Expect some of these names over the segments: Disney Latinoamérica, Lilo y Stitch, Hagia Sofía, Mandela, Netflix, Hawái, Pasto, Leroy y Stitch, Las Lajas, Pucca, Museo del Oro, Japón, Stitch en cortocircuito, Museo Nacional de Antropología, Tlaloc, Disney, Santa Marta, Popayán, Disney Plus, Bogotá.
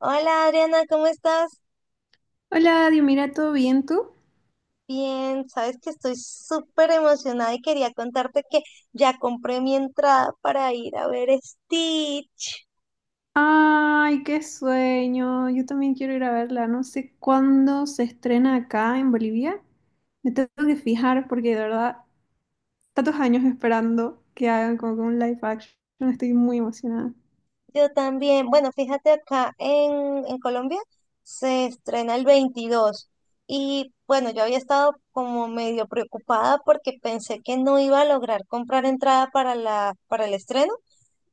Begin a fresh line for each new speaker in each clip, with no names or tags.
Hola, Adriana, ¿cómo estás?
Hola, Dios, mira, ¿todo bien tú?
Bien, sabes que estoy súper emocionada y quería contarte que ya compré mi entrada para ir a ver Stitch.
Ay, qué sueño. Yo también quiero ir a verla. No sé cuándo se estrena acá en Bolivia. Me tengo que fijar porque de verdad, tantos años esperando que hagan como que un live action. Estoy muy emocionada.
Yo también, bueno, fíjate acá en Colombia se estrena el 22 y bueno, yo había estado como medio preocupada porque pensé que no iba a lograr comprar entrada para para el estreno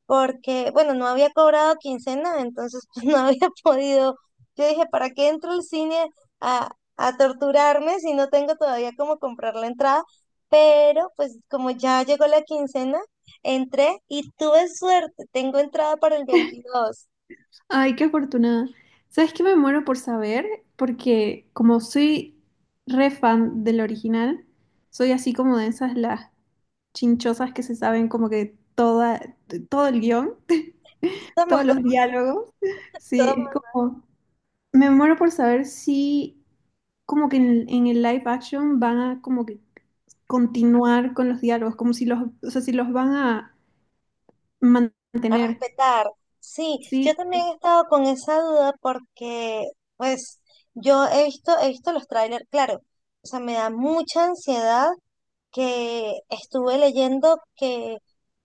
porque, bueno, no había cobrado quincena, entonces pues, no había podido. Yo dije, ¿para qué entro al cine a, a torturarme si no tengo todavía cómo comprar la entrada? Pero pues como ya llegó la quincena, entré y tuve suerte, tengo entrada para el 22.
Ay, qué afortunada. ¿Sabes qué me muero por saber? Porque como soy re fan del original, soy así como de esas las chinchosas que se saben como que todo el guión. Todos
Somos dos,
los diálogos. Sí, es
todos
como, me muero por saber si como que en el live action van a como que continuar con los diálogos, como si los, o sea, si los van a
a
mantener.
respetar. Sí,
Sí,
yo también he estado con esa duda porque, pues, he visto los trailers, claro, o sea, me da mucha ansiedad que estuve leyendo que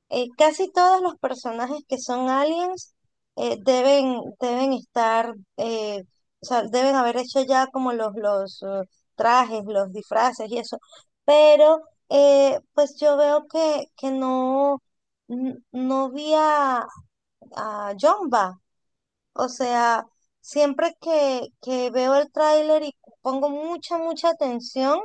casi todos los personajes que son aliens deben estar, o sea, deben haber hecho ya como los trajes, los disfraces y eso, pero pues yo veo que no, no vi a Jumba, o sea, siempre que veo el tráiler y pongo mucha atención,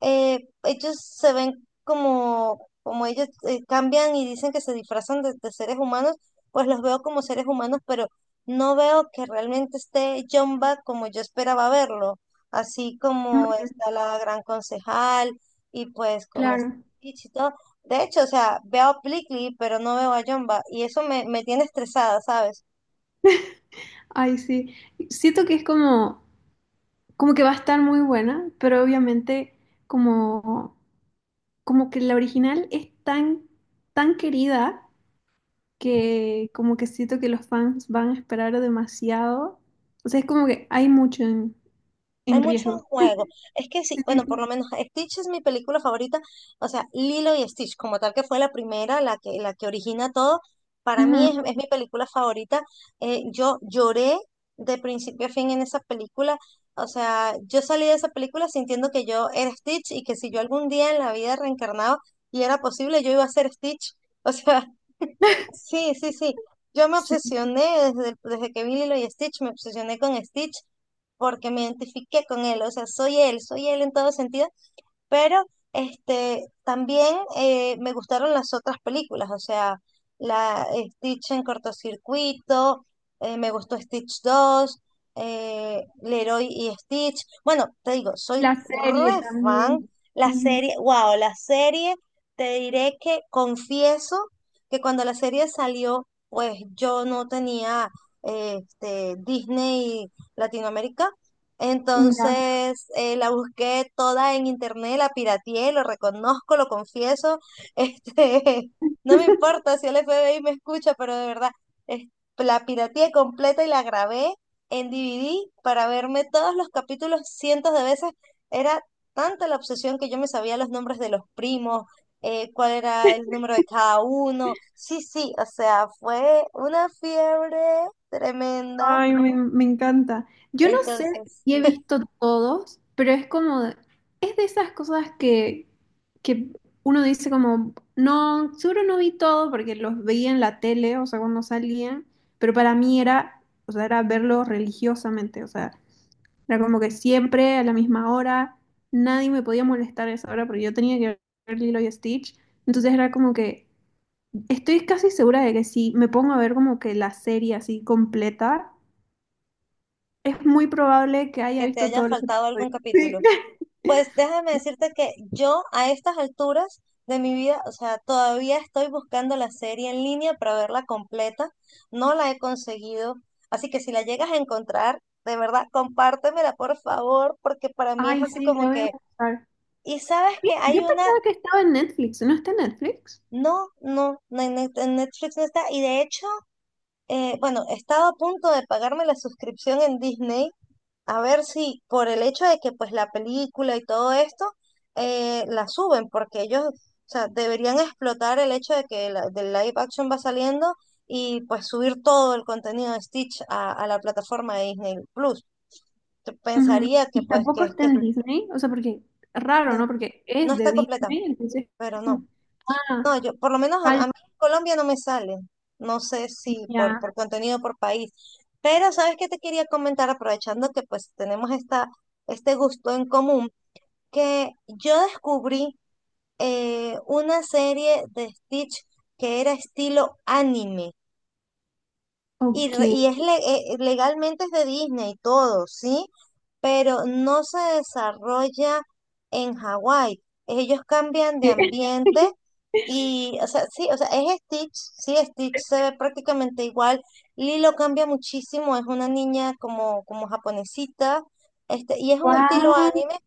ellos se ven como, como ellos cambian y dicen que se disfrazan de seres humanos, pues los veo como seres humanos, pero no veo que realmente esté Jumba como yo esperaba verlo, así como
mm,
está la gran concejal y pues como está
claro.
Peach y todo. De hecho, o sea, veo a Plickly, pero no veo a Jumba y eso me, me tiene estresada, ¿sabes?
Ay, sí. Siento que es como, como que va a estar muy buena, pero obviamente como, como que la original es tan, tan querida que como que siento que los fans van a esperar demasiado. O sea, es como que hay mucho en,
Hay
en
mucho en
riesgo.
juego. Es que sí,
Sí, sí,
bueno, por lo
sí.
menos Stitch es mi película favorita. O sea, Lilo y Stitch, como tal que fue la primera, la que origina todo, para mí
Ujú,
es mi película favorita. Yo lloré de principio a fin en esa película. O sea, yo salí de esa película sintiendo que yo era Stitch y que si yo algún día en la vida reencarnaba y era posible, yo iba a ser Stitch. O sea, sí, sí, sí. Yo me
sí.
obsesioné desde que vi Lilo y Stitch, me obsesioné con Stitch porque me identifiqué con él. O sea, soy él en todo sentido. Pero este, también me gustaron las otras películas, o sea, la Stitch en cortocircuito, me gustó Stitch dos, Leroy y Stitch. Bueno, te digo, soy
La serie
re fan.
también.
La
Ujú,
serie, wow, la serie, te diré que confieso que cuando la serie salió, pues yo no tenía Disney Latinoamérica.
ya.
Entonces la busqué toda en internet, la pirateé, lo reconozco, lo confieso. Este, no me importa si el FBI me escucha, pero de verdad, es- la pirateé completa y la grabé en DVD para verme todos los capítulos cientos de veces. Era tanta la obsesión que yo me sabía los nombres de los primos, cuál era el número de cada uno. Sí, sí, o sea, fue una fiebre tremenda.
Ay, me encanta. Yo no sé
Entonces,
si he visto todos, pero es como, es de esas cosas que uno dice como, no, seguro no vi todo porque los veía en la tele, o sea, cuando salían, pero para mí era, o sea, era verlo religiosamente, o sea, era como que siempre a la misma hora, nadie me podía molestar a esa hora porque yo tenía que ver Lilo y Stitch, entonces era como que, estoy casi segura de que si me pongo a ver como que la serie así completa, es muy probable que haya
que te
visto
haya
todos los
faltado algún
episodios.
capítulo.
Sí.
Pues déjame decirte que yo a estas alturas de mi vida, o sea, todavía estoy buscando la serie en línea para verla completa. No la he conseguido. Así que si la llegas a encontrar, de verdad, compártemela por favor, porque para mí es
Ay,
así
sí,
como
lo voy a
que...
buscar.
Y sabes que
Mira, yo
hay una...
pensaba que estaba en Netflix, ¿no está en Netflix?
No, no, no en en Netflix no está. Y de hecho, bueno, he estado a punto de pagarme la suscripción en Disney. A ver si por el hecho de que pues la película y todo esto la suben, porque ellos, o sea, deberían explotar el hecho de que del live action va saliendo y pues subir todo el contenido de Stitch a la plataforma de Disney Plus. Yo
Ujú.
pensaría que
Y
pues
tampoco está
que
en Disney, o sea, porque raro,
no,
¿no? Porque
no
es de
está completa,
Disney, entonces es
pero
como,
no.
ah,
No, yo por lo menos a
falta
mí en Colombia no me sale. No sé si
ya,
por contenido por país. Pero ¿sabes qué te quería comentar? Aprovechando que pues tenemos este gusto en común, que yo descubrí una serie de Stitch que era estilo anime y,
ok.
legalmente es de Disney y todo, ¿sí? Pero no se desarrolla en Hawái. Ellos cambian de ambiente y, o sea, sí, o sea, es Stitch, sí, Stitch se ve prácticamente igual. Lilo cambia muchísimo, es una niña como, como japonesita, y es un estilo
Guau,
anime,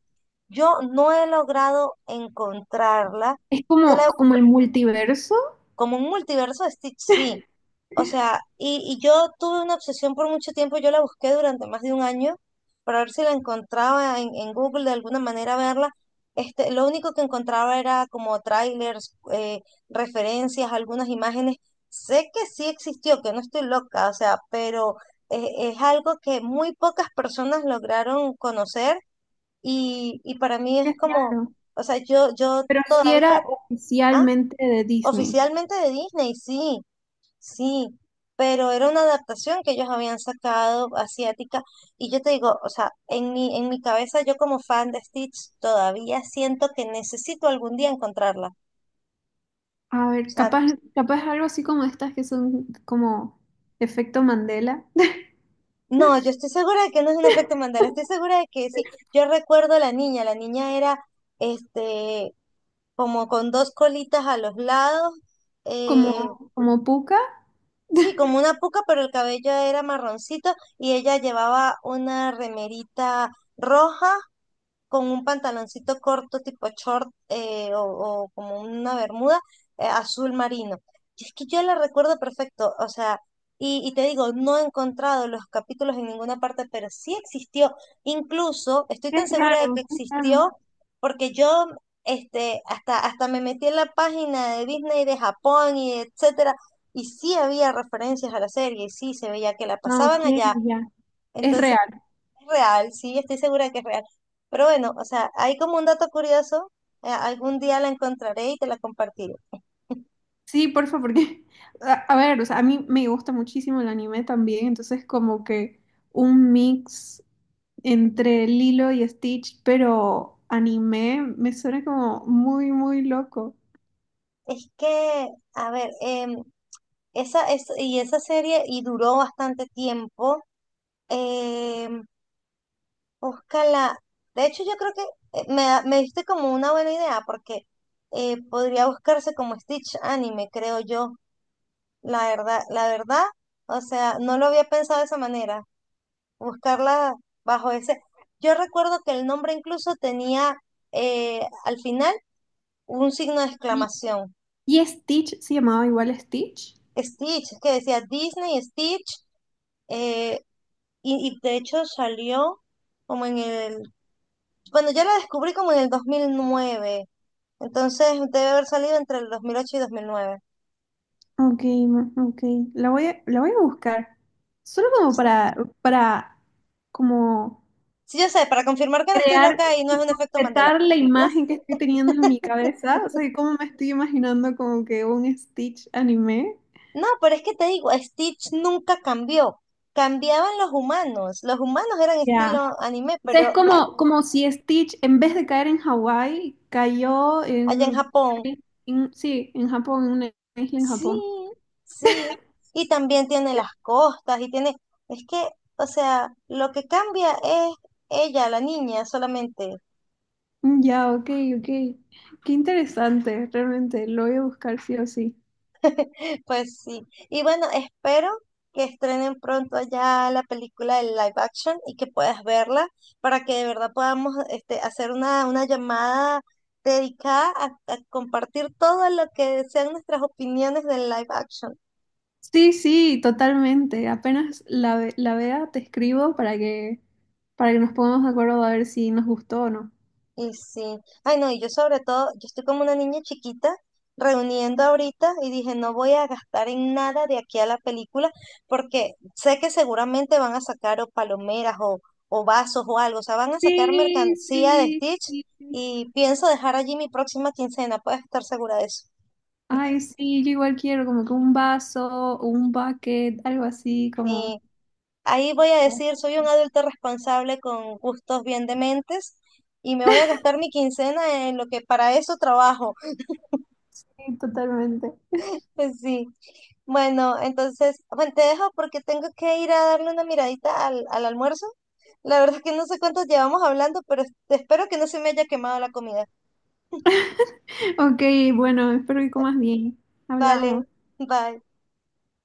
yo no he logrado encontrarla.
es
Yo
como,
la-
como el multiverso,
como un multiverso de Stitch, sí. O sea, y yo tuve una obsesión por mucho tiempo. Yo la busqué durante más de un año para ver si la encontraba en Google, de alguna manera verla. Lo único que encontraba era como trailers, referencias, algunas imágenes. Sé que sí existió, que no estoy loca, o sea, pero es algo que muy pocas personas lograron conocer y para mí es
qué
como,
raro.
o sea, yo
Pero sí
todavía,
era
ah,
oficialmente de Disney.
oficialmente de Disney, sí, sí, pero era una adaptación que ellos habían sacado asiática. Y yo te digo, o sea, en mi cabeza yo como fan de Stitch todavía siento que necesito algún día encontrarla. O
A ver,
sea,
capaz, capaz algo así como estas que son como efecto Mandela,
no, yo estoy segura de que no es un efecto Mandela, estoy segura de que sí. Yo recuerdo a la niña era, este, como con dos colitas a los lados.
como,
eh,
como Pucca.
Sí, como una puca, pero el cabello era marroncito y ella llevaba una remerita roja con un pantaloncito corto tipo short, o como una bermuda azul marino. Y es que yo la recuerdo perfecto, o sea, y te digo, no he encontrado los capítulos en ninguna parte, pero sí existió, incluso estoy
Es
tan segura de que
raro, es raro.
existió, porque yo, hasta me metí en la página de Disney de Japón y etcétera, y sí había referencias a la serie, y sí se veía que la
No, ok,
pasaban allá.
ya. Es
Entonces,
real.
real, sí, estoy segura que es real. Pero bueno, o sea, hay como un dato curioso. Algún día la encontraré y te la compartiré.
Sí, porfa, porque, a ver, o sea, a mí me gusta muchísimo el anime también, entonces como que un mix entre Lilo y Stitch, pero anime me suena como muy, muy loco.
Es que, a ver, esa es, y esa serie y duró bastante tiempo. em, Búscala. De hecho, yo creo que me diste como una buena idea porque podría buscarse como Stitch Anime, creo yo. La verdad, o sea, no lo había pensado de esa manera. Buscarla bajo ese. Yo recuerdo que el nombre incluso tenía, al final, un signo de
¿Y,
exclamación.
y Stitch se llamaba igual Stitch?
Stitch, que decía Disney, Stitch, eh, y de hecho salió como en el... Bueno, yo la descubrí como en el 2009. Entonces debe haber salido entre el 2008 y 2009.
Ok, ok. La voy la voy a buscar. Solo como
Sí,
para como
sí, yo sé, para confirmar que no estoy
crear
loca y no es
y
un efecto Mandela.
completar la
Las-
imagen que estoy teniendo en mi cabeza. O sea, que como me estoy imaginando como que un Stitch anime.
No, pero es que te digo, Stitch nunca cambió. Cambiaban los humanos. Los humanos eran
Ya.
estilo anime,
O sea, es
pero
como, como si Stitch, en vez de caer en Hawái, cayó
allá en
en,
Japón,
sí, en Japón, en una isla en
sí,
Japón.
sí. Y también tiene las costas y tiene... Es que, o sea, lo que cambia es ella, la niña, solamente.
Ya, ok, ok. Qué interesante, realmente. Lo voy a buscar sí o sí.
Pues sí. Y bueno, espero que estrenen pronto ya la película del live action y que puedas verla para que de verdad podamos, hacer una llamada dedicada a compartir todo lo que sean nuestras opiniones del live action.
Sí, sí, totalmente. Apenas la vea, te escribo para para que nos pongamos de acuerdo a ver si nos gustó o no.
Y sí, ay no, y yo sobre todo, yo estoy como una niña chiquita reuniendo ahorita y dije, no voy a gastar en nada de aquí a la película porque sé que seguramente van a sacar o palomeras o vasos o algo, o sea, van a sacar
Sí,
mercancía de
sí,
Stitch
sí. Sí.
y pienso dejar allí mi próxima quincena, puedes estar segura de eso.
Ay, sí, yo igual quiero como que un vaso, un bucket, algo así,
Y
como...
ahí voy a decir, soy un adulto responsable con gustos bien dementes y me voy a gastar mi quincena en lo que para eso trabajo.
Sí, totalmente.
Sí. Bueno, entonces, bueno, te dejo porque tengo que ir a darle una miradita al almuerzo. La verdad es que no sé cuántos llevamos hablando, pero espero que no se me haya quemado la comida.
Ok, bueno, espero que comas bien. Hablamos.
Vale, bye.